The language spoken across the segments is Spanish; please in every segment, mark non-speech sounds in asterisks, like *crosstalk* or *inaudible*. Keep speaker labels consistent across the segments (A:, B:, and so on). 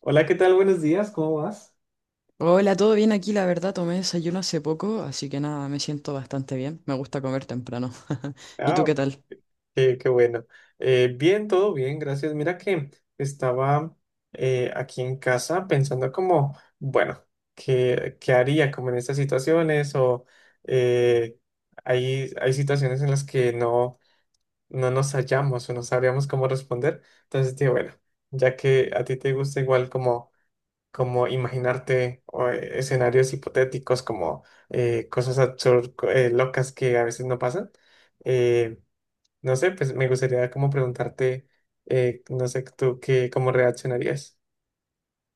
A: Hola, ¿qué tal? Buenos días, ¿cómo vas?
B: Hola, todo bien aquí, la verdad, tomé desayuno hace poco, así que nada, me siento bastante bien. Me gusta comer temprano. *laughs* ¿Y tú
A: Ah,
B: qué tal?
A: qué bueno. Bien, todo bien, gracias. Mira que estaba aquí en casa pensando como, bueno, ¿qué haría como en estas situaciones? Eh, hay situaciones en las que no nos hallamos o no sabríamos cómo responder. Entonces, dije, bueno, ya que a ti te gusta igual como como imaginarte o escenarios hipotéticos, como cosas absurdas, locas que a veces no pasan. Eh, no sé, pues me gustaría como preguntarte, no sé tú qué, cómo reaccionarías.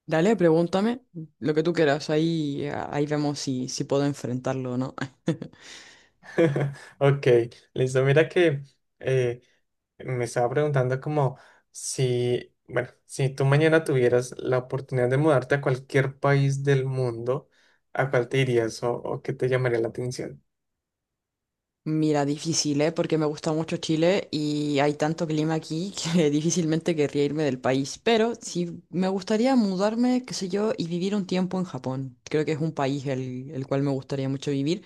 B: Dale, pregúntame lo que tú quieras, ahí vemos si puedo enfrentarlo o no. *laughs*
A: *laughs* Ok, listo. Mira que eh, me estaba preguntando como si, bueno, si tú mañana tuvieras la oportunidad de mudarte a cualquier país del mundo, ¿a cuál te irías o qué te llamaría la atención?
B: Mira, difícil, ¿eh? Porque me gusta mucho Chile y hay tanto clima aquí que *laughs* difícilmente querría irme del país. Pero sí me gustaría mudarme, qué sé yo, y vivir un tiempo en Japón. Creo que es un país el cual me gustaría mucho vivir.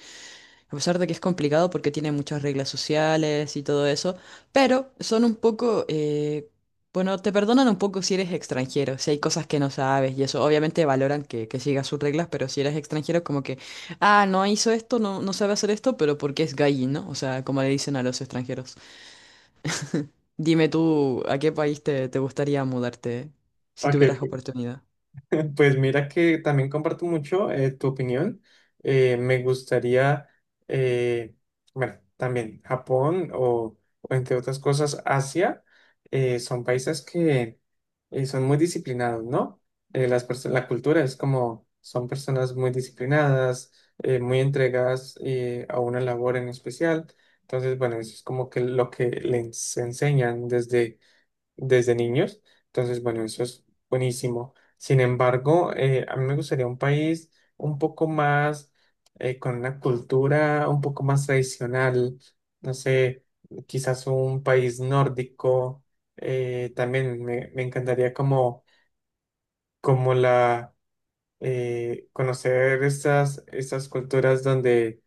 B: A pesar de que es complicado porque tiene muchas reglas sociales y todo eso, pero son un poco, bueno, te perdonan un poco si eres extranjero, si hay cosas que no sabes y eso. Obviamente valoran que sigas sus reglas, pero si eres extranjero, como que, ah, no hizo esto, no sabe hacer esto, pero porque es gay, ¿no? O sea, como le dicen a los extranjeros. Dime tú, ¿a qué país te gustaría mudarte si
A: Ok,
B: tuvieras oportunidad?
A: *laughs* pues mira que también comparto mucho tu opinión. Me gustaría, eh, bueno, también Japón o entre otras cosas Asia, son países que son muy disciplinados, ¿no? La cultura es como, son personas muy disciplinadas, muy entregadas a una labor en especial. Entonces, bueno, eso es como que lo que les enseñan desde desde niños. Entonces, bueno, eso es buenísimo. Sin embargo, a mí me gustaría un país un poco más, con una cultura un poco más tradicional, no sé, quizás un país nórdico. También me encantaría como conocer estas culturas donde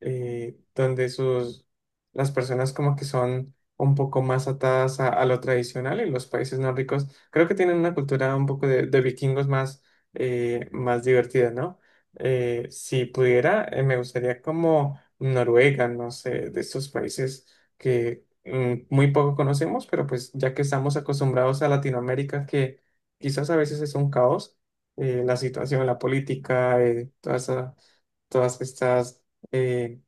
A: donde las personas como que son un poco más atadas a lo tradicional y los países nórdicos creo que tienen una cultura un poco de vikingos más, más divertida, ¿no? Si pudiera, me gustaría como Noruega, no sé, de estos países que mm, muy poco conocemos, pero pues ya que estamos acostumbrados a Latinoamérica, que quizás a veces es un caos, la situación, la política, todas estas... eh,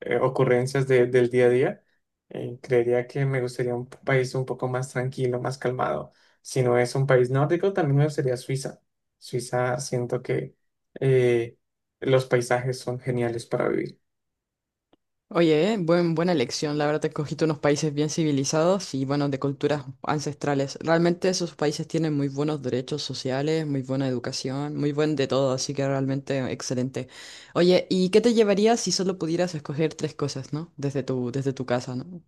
A: ocurrencias del día a día. Creería que me gustaría un país un poco más tranquilo, más calmado. Si no es un país nórdico, también me gustaría Suiza. Suiza, siento que eh, los paisajes son geniales para vivir.
B: Oye, buena elección. La verdad, te escogiste unos países bien civilizados y, bueno, de culturas ancestrales. Realmente esos países tienen muy buenos derechos sociales, muy buena educación, muy buen de todo, así que realmente excelente. Oye, ¿y qué te llevarías si solo pudieras escoger tres cosas, ¿no? Desde tu casa, ¿no?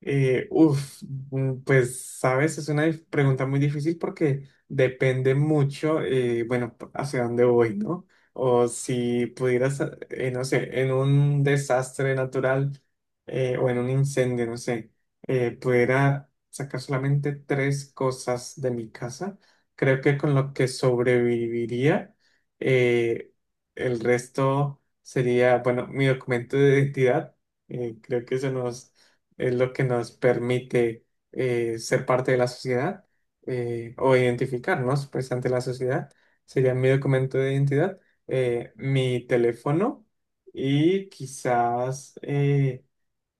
A: Uf, mm, pues sabes, es una pregunta muy difícil porque depende mucho, bueno, hacia dónde voy, ¿no? O si pudieras, no sé, en un desastre natural o en un incendio, no sé, pudiera sacar solamente tres cosas de mi casa, creo que con lo que sobreviviría, eh, el resto sería, bueno, mi documento de identidad, creo que eso nos es lo que nos permite ser parte de la sociedad o identificarnos pues ante la sociedad. Sería mi documento de identidad, mi teléfono y quizás,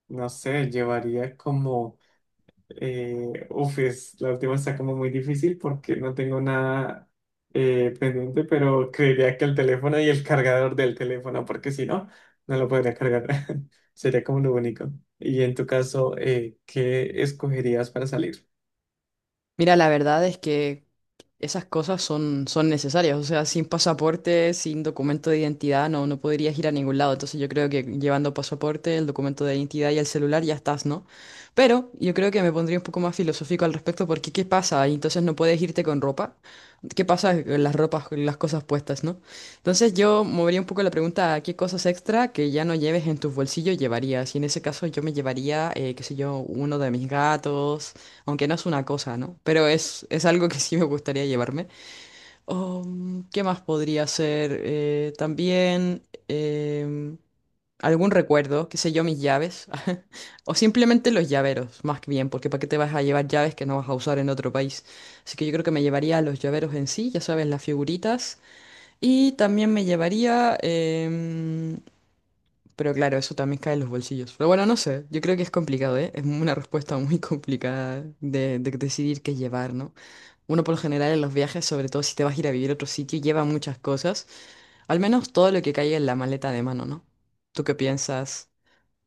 A: no sé, llevaría como uf, la última está como muy difícil porque no tengo nada pendiente, pero creería que el teléfono y el cargador del teléfono, porque si no, no lo podría cargar. *laughs* Sería como lo único. Y en tu caso, ¿qué escogerías para salir?
B: Mira, la verdad es que esas cosas son necesarias. O sea, sin pasaporte, sin documento de identidad, no podrías ir a ningún lado. Entonces yo creo que llevando pasaporte, el documento de identidad y el celular ya estás, ¿no? Pero yo creo que me pondría un poco más filosófico al respecto porque ¿qué pasa? Y entonces no puedes irte con ropa. ¿Qué pasa con las ropas, con las cosas puestas, ¿no? Entonces yo movería un poco la pregunta a qué cosas extra que ya no lleves en tus bolsillos llevarías. Y en ese caso yo me llevaría, qué sé yo, uno de mis gatos. Aunque no es una cosa, ¿no? Pero es algo que sí me gustaría llevarme. ¿Qué más podría ser? También em, algún recuerdo, qué sé yo, mis llaves. *laughs* O simplemente los llaveros, más que bien, porque ¿para qué te vas a llevar llaves que no vas a usar en otro país? Así que yo creo que me llevaría los llaveros en sí, ya sabes, las figuritas. Y también me llevaría, pero claro, eso también cae en los bolsillos. Pero bueno, no sé, yo creo que es complicado, ¿eh? Es una respuesta muy *laughs* complicada de decidir qué llevar, ¿no? Uno por lo general en los viajes, sobre todo si te vas a ir a vivir a otro sitio, lleva muchas cosas, al menos todo lo que caiga en la maleta de mano, ¿no? ¿Tú qué piensas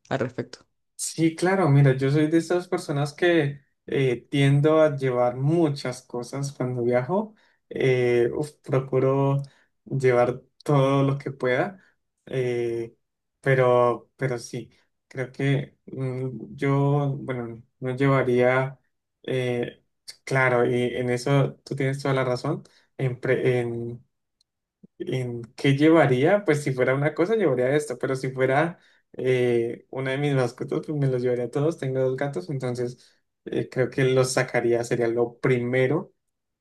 B: al respecto?
A: Sí, claro, mira, yo soy de esas personas que tiendo a llevar muchas cosas cuando viajo. Uf, procuro llevar todo lo que pueda, eh, pero sí, creo que mm, yo, bueno, no llevaría, eh, claro, y en eso tú tienes toda la razón, en, pre- en ¿en qué llevaría? Pues si fuera una cosa, llevaría esto, pero si fuera una de mis mascotas, pues me los llevaría a todos. Tengo dos gatos, entonces creo que los sacaría, sería lo primero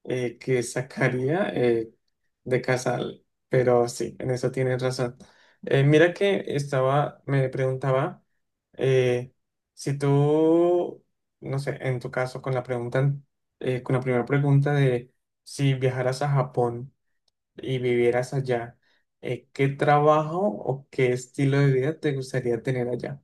A: que sacaría de casa. Pero sí, en eso tienes razón. Mira que estaba, me preguntaba eh, si tú, no sé, en tu caso, con la pregunta, con la primera pregunta de si viajaras a Japón y vivieras allá, ¿qué trabajo o qué estilo de vida te gustaría tener allá?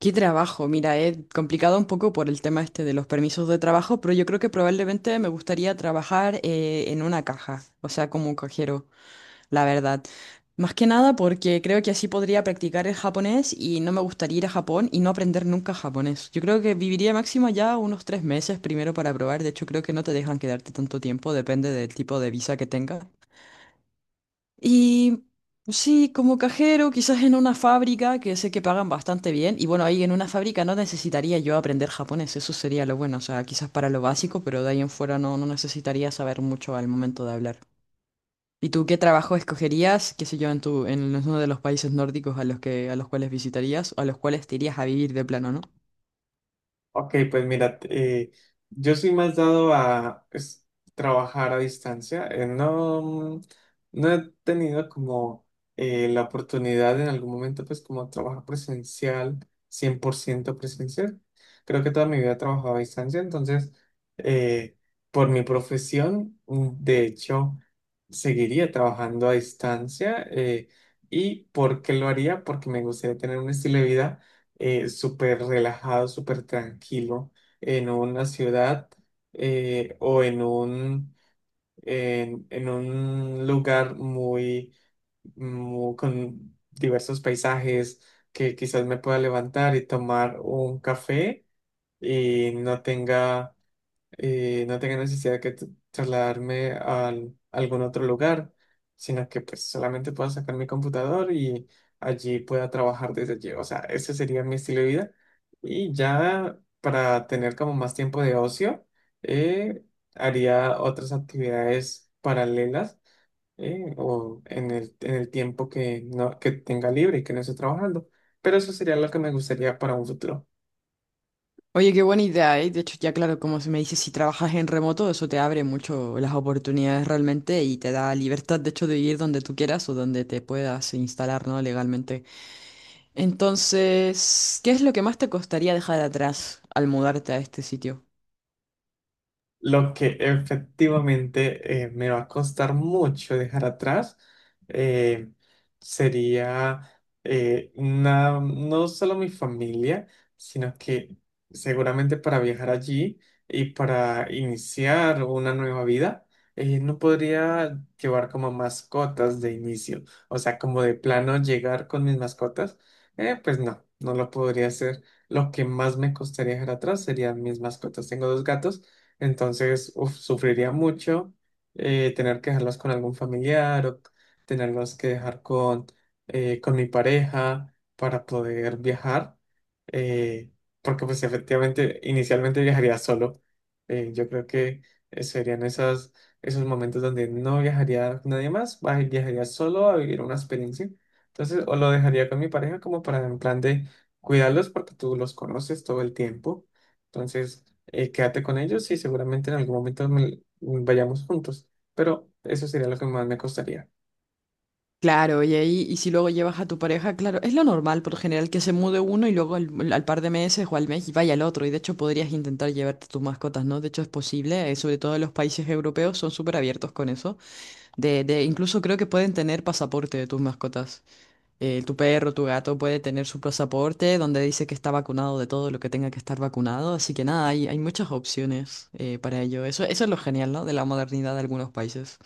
B: ¿Qué trabajo? Mira, he complicado un poco por el tema este de los permisos de trabajo, pero yo creo que probablemente me gustaría trabajar en una caja, o sea, como un cajero, la verdad. Más que nada porque creo que así podría practicar el japonés y no me gustaría ir a Japón y no aprender nunca japonés. Yo creo que viviría máximo ya unos 3 meses primero para probar. De hecho, creo que no te dejan quedarte tanto tiempo, depende del tipo de visa que tengas. Y sí, como cajero, quizás en una fábrica que sé que pagan bastante bien. Y bueno, ahí en una fábrica no necesitaría yo aprender japonés, eso sería lo bueno. O sea, quizás para lo básico, pero de ahí en fuera no necesitaría saber mucho al momento de hablar. ¿Y tú qué trabajo escogerías, qué sé yo, en uno de los países nórdicos a los que, a los cuales visitarías o a los cuales te irías a vivir de plano, ¿no?
A: Ok, pues mira, yo soy más dado a pues, trabajar a distancia. No, no he tenido como la oportunidad en algún momento, pues como trabajar presencial, 100% presencial. Creo que toda mi vida he trabajado a distancia, entonces, eh, por mi profesión, mm, de hecho, seguiría trabajando a distancia. ¿Y por qué lo haría? Porque me gustaría tener un estilo de vida súper relajado, súper tranquilo en una ciudad o en un lugar muy, con diversos paisajes que quizás me pueda levantar y tomar un café y no tenga y no tenga necesidad de trasladarme a algún otro lugar, sino que pues solamente pueda sacar mi computador y allí pueda trabajar desde allí. O sea, ese sería mi estilo de vida. Y ya para tener como más tiempo de ocio, eh, haría otras actividades paralelas o en el tiempo que, no, que tenga libre y que no esté trabajando. Pero eso sería lo que me gustaría para un futuro.
B: Oye, qué buena idea, ¿eh? De hecho, ya claro, como se me dice, si trabajas en remoto, eso te abre mucho las oportunidades realmente y te da libertad, de hecho, de vivir donde tú quieras o donde te puedas instalar, ¿no? Legalmente. Entonces, ¿qué es lo que más te costaría dejar atrás al mudarte a este sitio?
A: Lo que efectivamente me va a costar mucho dejar atrás eh, sería no solo mi familia, sino que seguramente para viajar allí y para iniciar una nueva vida, no podría llevar como mascotas de inicio. O sea, como de plano llegar con mis mascotas, pues no lo podría hacer. Lo que más me costaría dejar atrás serían mis mascotas. Tengo dos gatos. Entonces, uf, sufriría mucho tener que dejarlos con algún familiar o tenerlos que dejar con mi pareja para poder viajar, eh, porque pues efectivamente inicialmente viajaría solo. Yo creo que serían esos momentos donde no viajaría con nadie más, viajaría solo a vivir una experiencia. Entonces, o lo dejaría con mi pareja como para en plan de cuidarlos porque tú los conoces todo el tiempo. Entonces, quédate con ellos y seguramente en algún momento vayamos juntos, pero eso sería lo que más me costaría.
B: Claro, y ahí, y si luego llevas a tu pareja, claro, es lo normal por lo general que se mude uno y luego al par de meses o al mes y vaya el otro. Y de hecho podrías intentar llevarte tus mascotas, ¿no? De hecho es posible, sobre todo en los países europeos son súper abiertos con eso. Incluso creo que pueden tener pasaporte de tus mascotas. Tu perro, tu gato puede tener su pasaporte donde dice que está vacunado de todo lo que tenga que estar vacunado. Así que nada, hay muchas opciones para ello. Eso es lo genial, ¿no? De la modernidad de algunos países.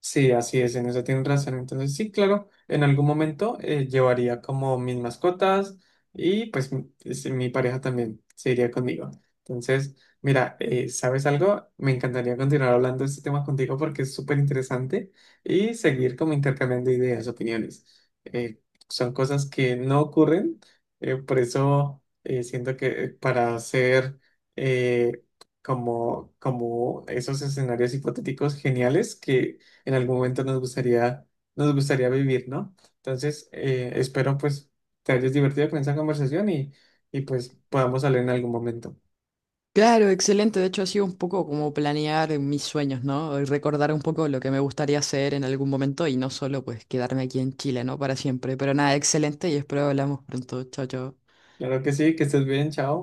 A: Sí, así es, en eso tienes razón. Entonces, sí, claro, en algún momento llevaría como mis mascotas y pues mi, sí, mi pareja también se iría conmigo. Entonces, mira, ¿sabes algo? Me encantaría continuar hablando de este tema contigo porque es súper interesante y seguir como intercambiando ideas, opiniones. Eh, Son cosas que no ocurren, por eso siento que para hacer eh, como esos escenarios hipotéticos geniales que en algún momento nos gustaría vivir, ¿no? Entonces, espero pues te hayas divertido con esa conversación y pues podamos hablar en algún momento.
B: Claro, excelente. De hecho, ha sido un poco como planear mis sueños, ¿no? Y recordar un poco lo que me gustaría hacer en algún momento y no solo pues quedarme aquí en Chile, ¿no? Para siempre. Pero nada, excelente y espero hablamos pronto. Chao, chao.
A: Claro que sí, que estés bien, chao.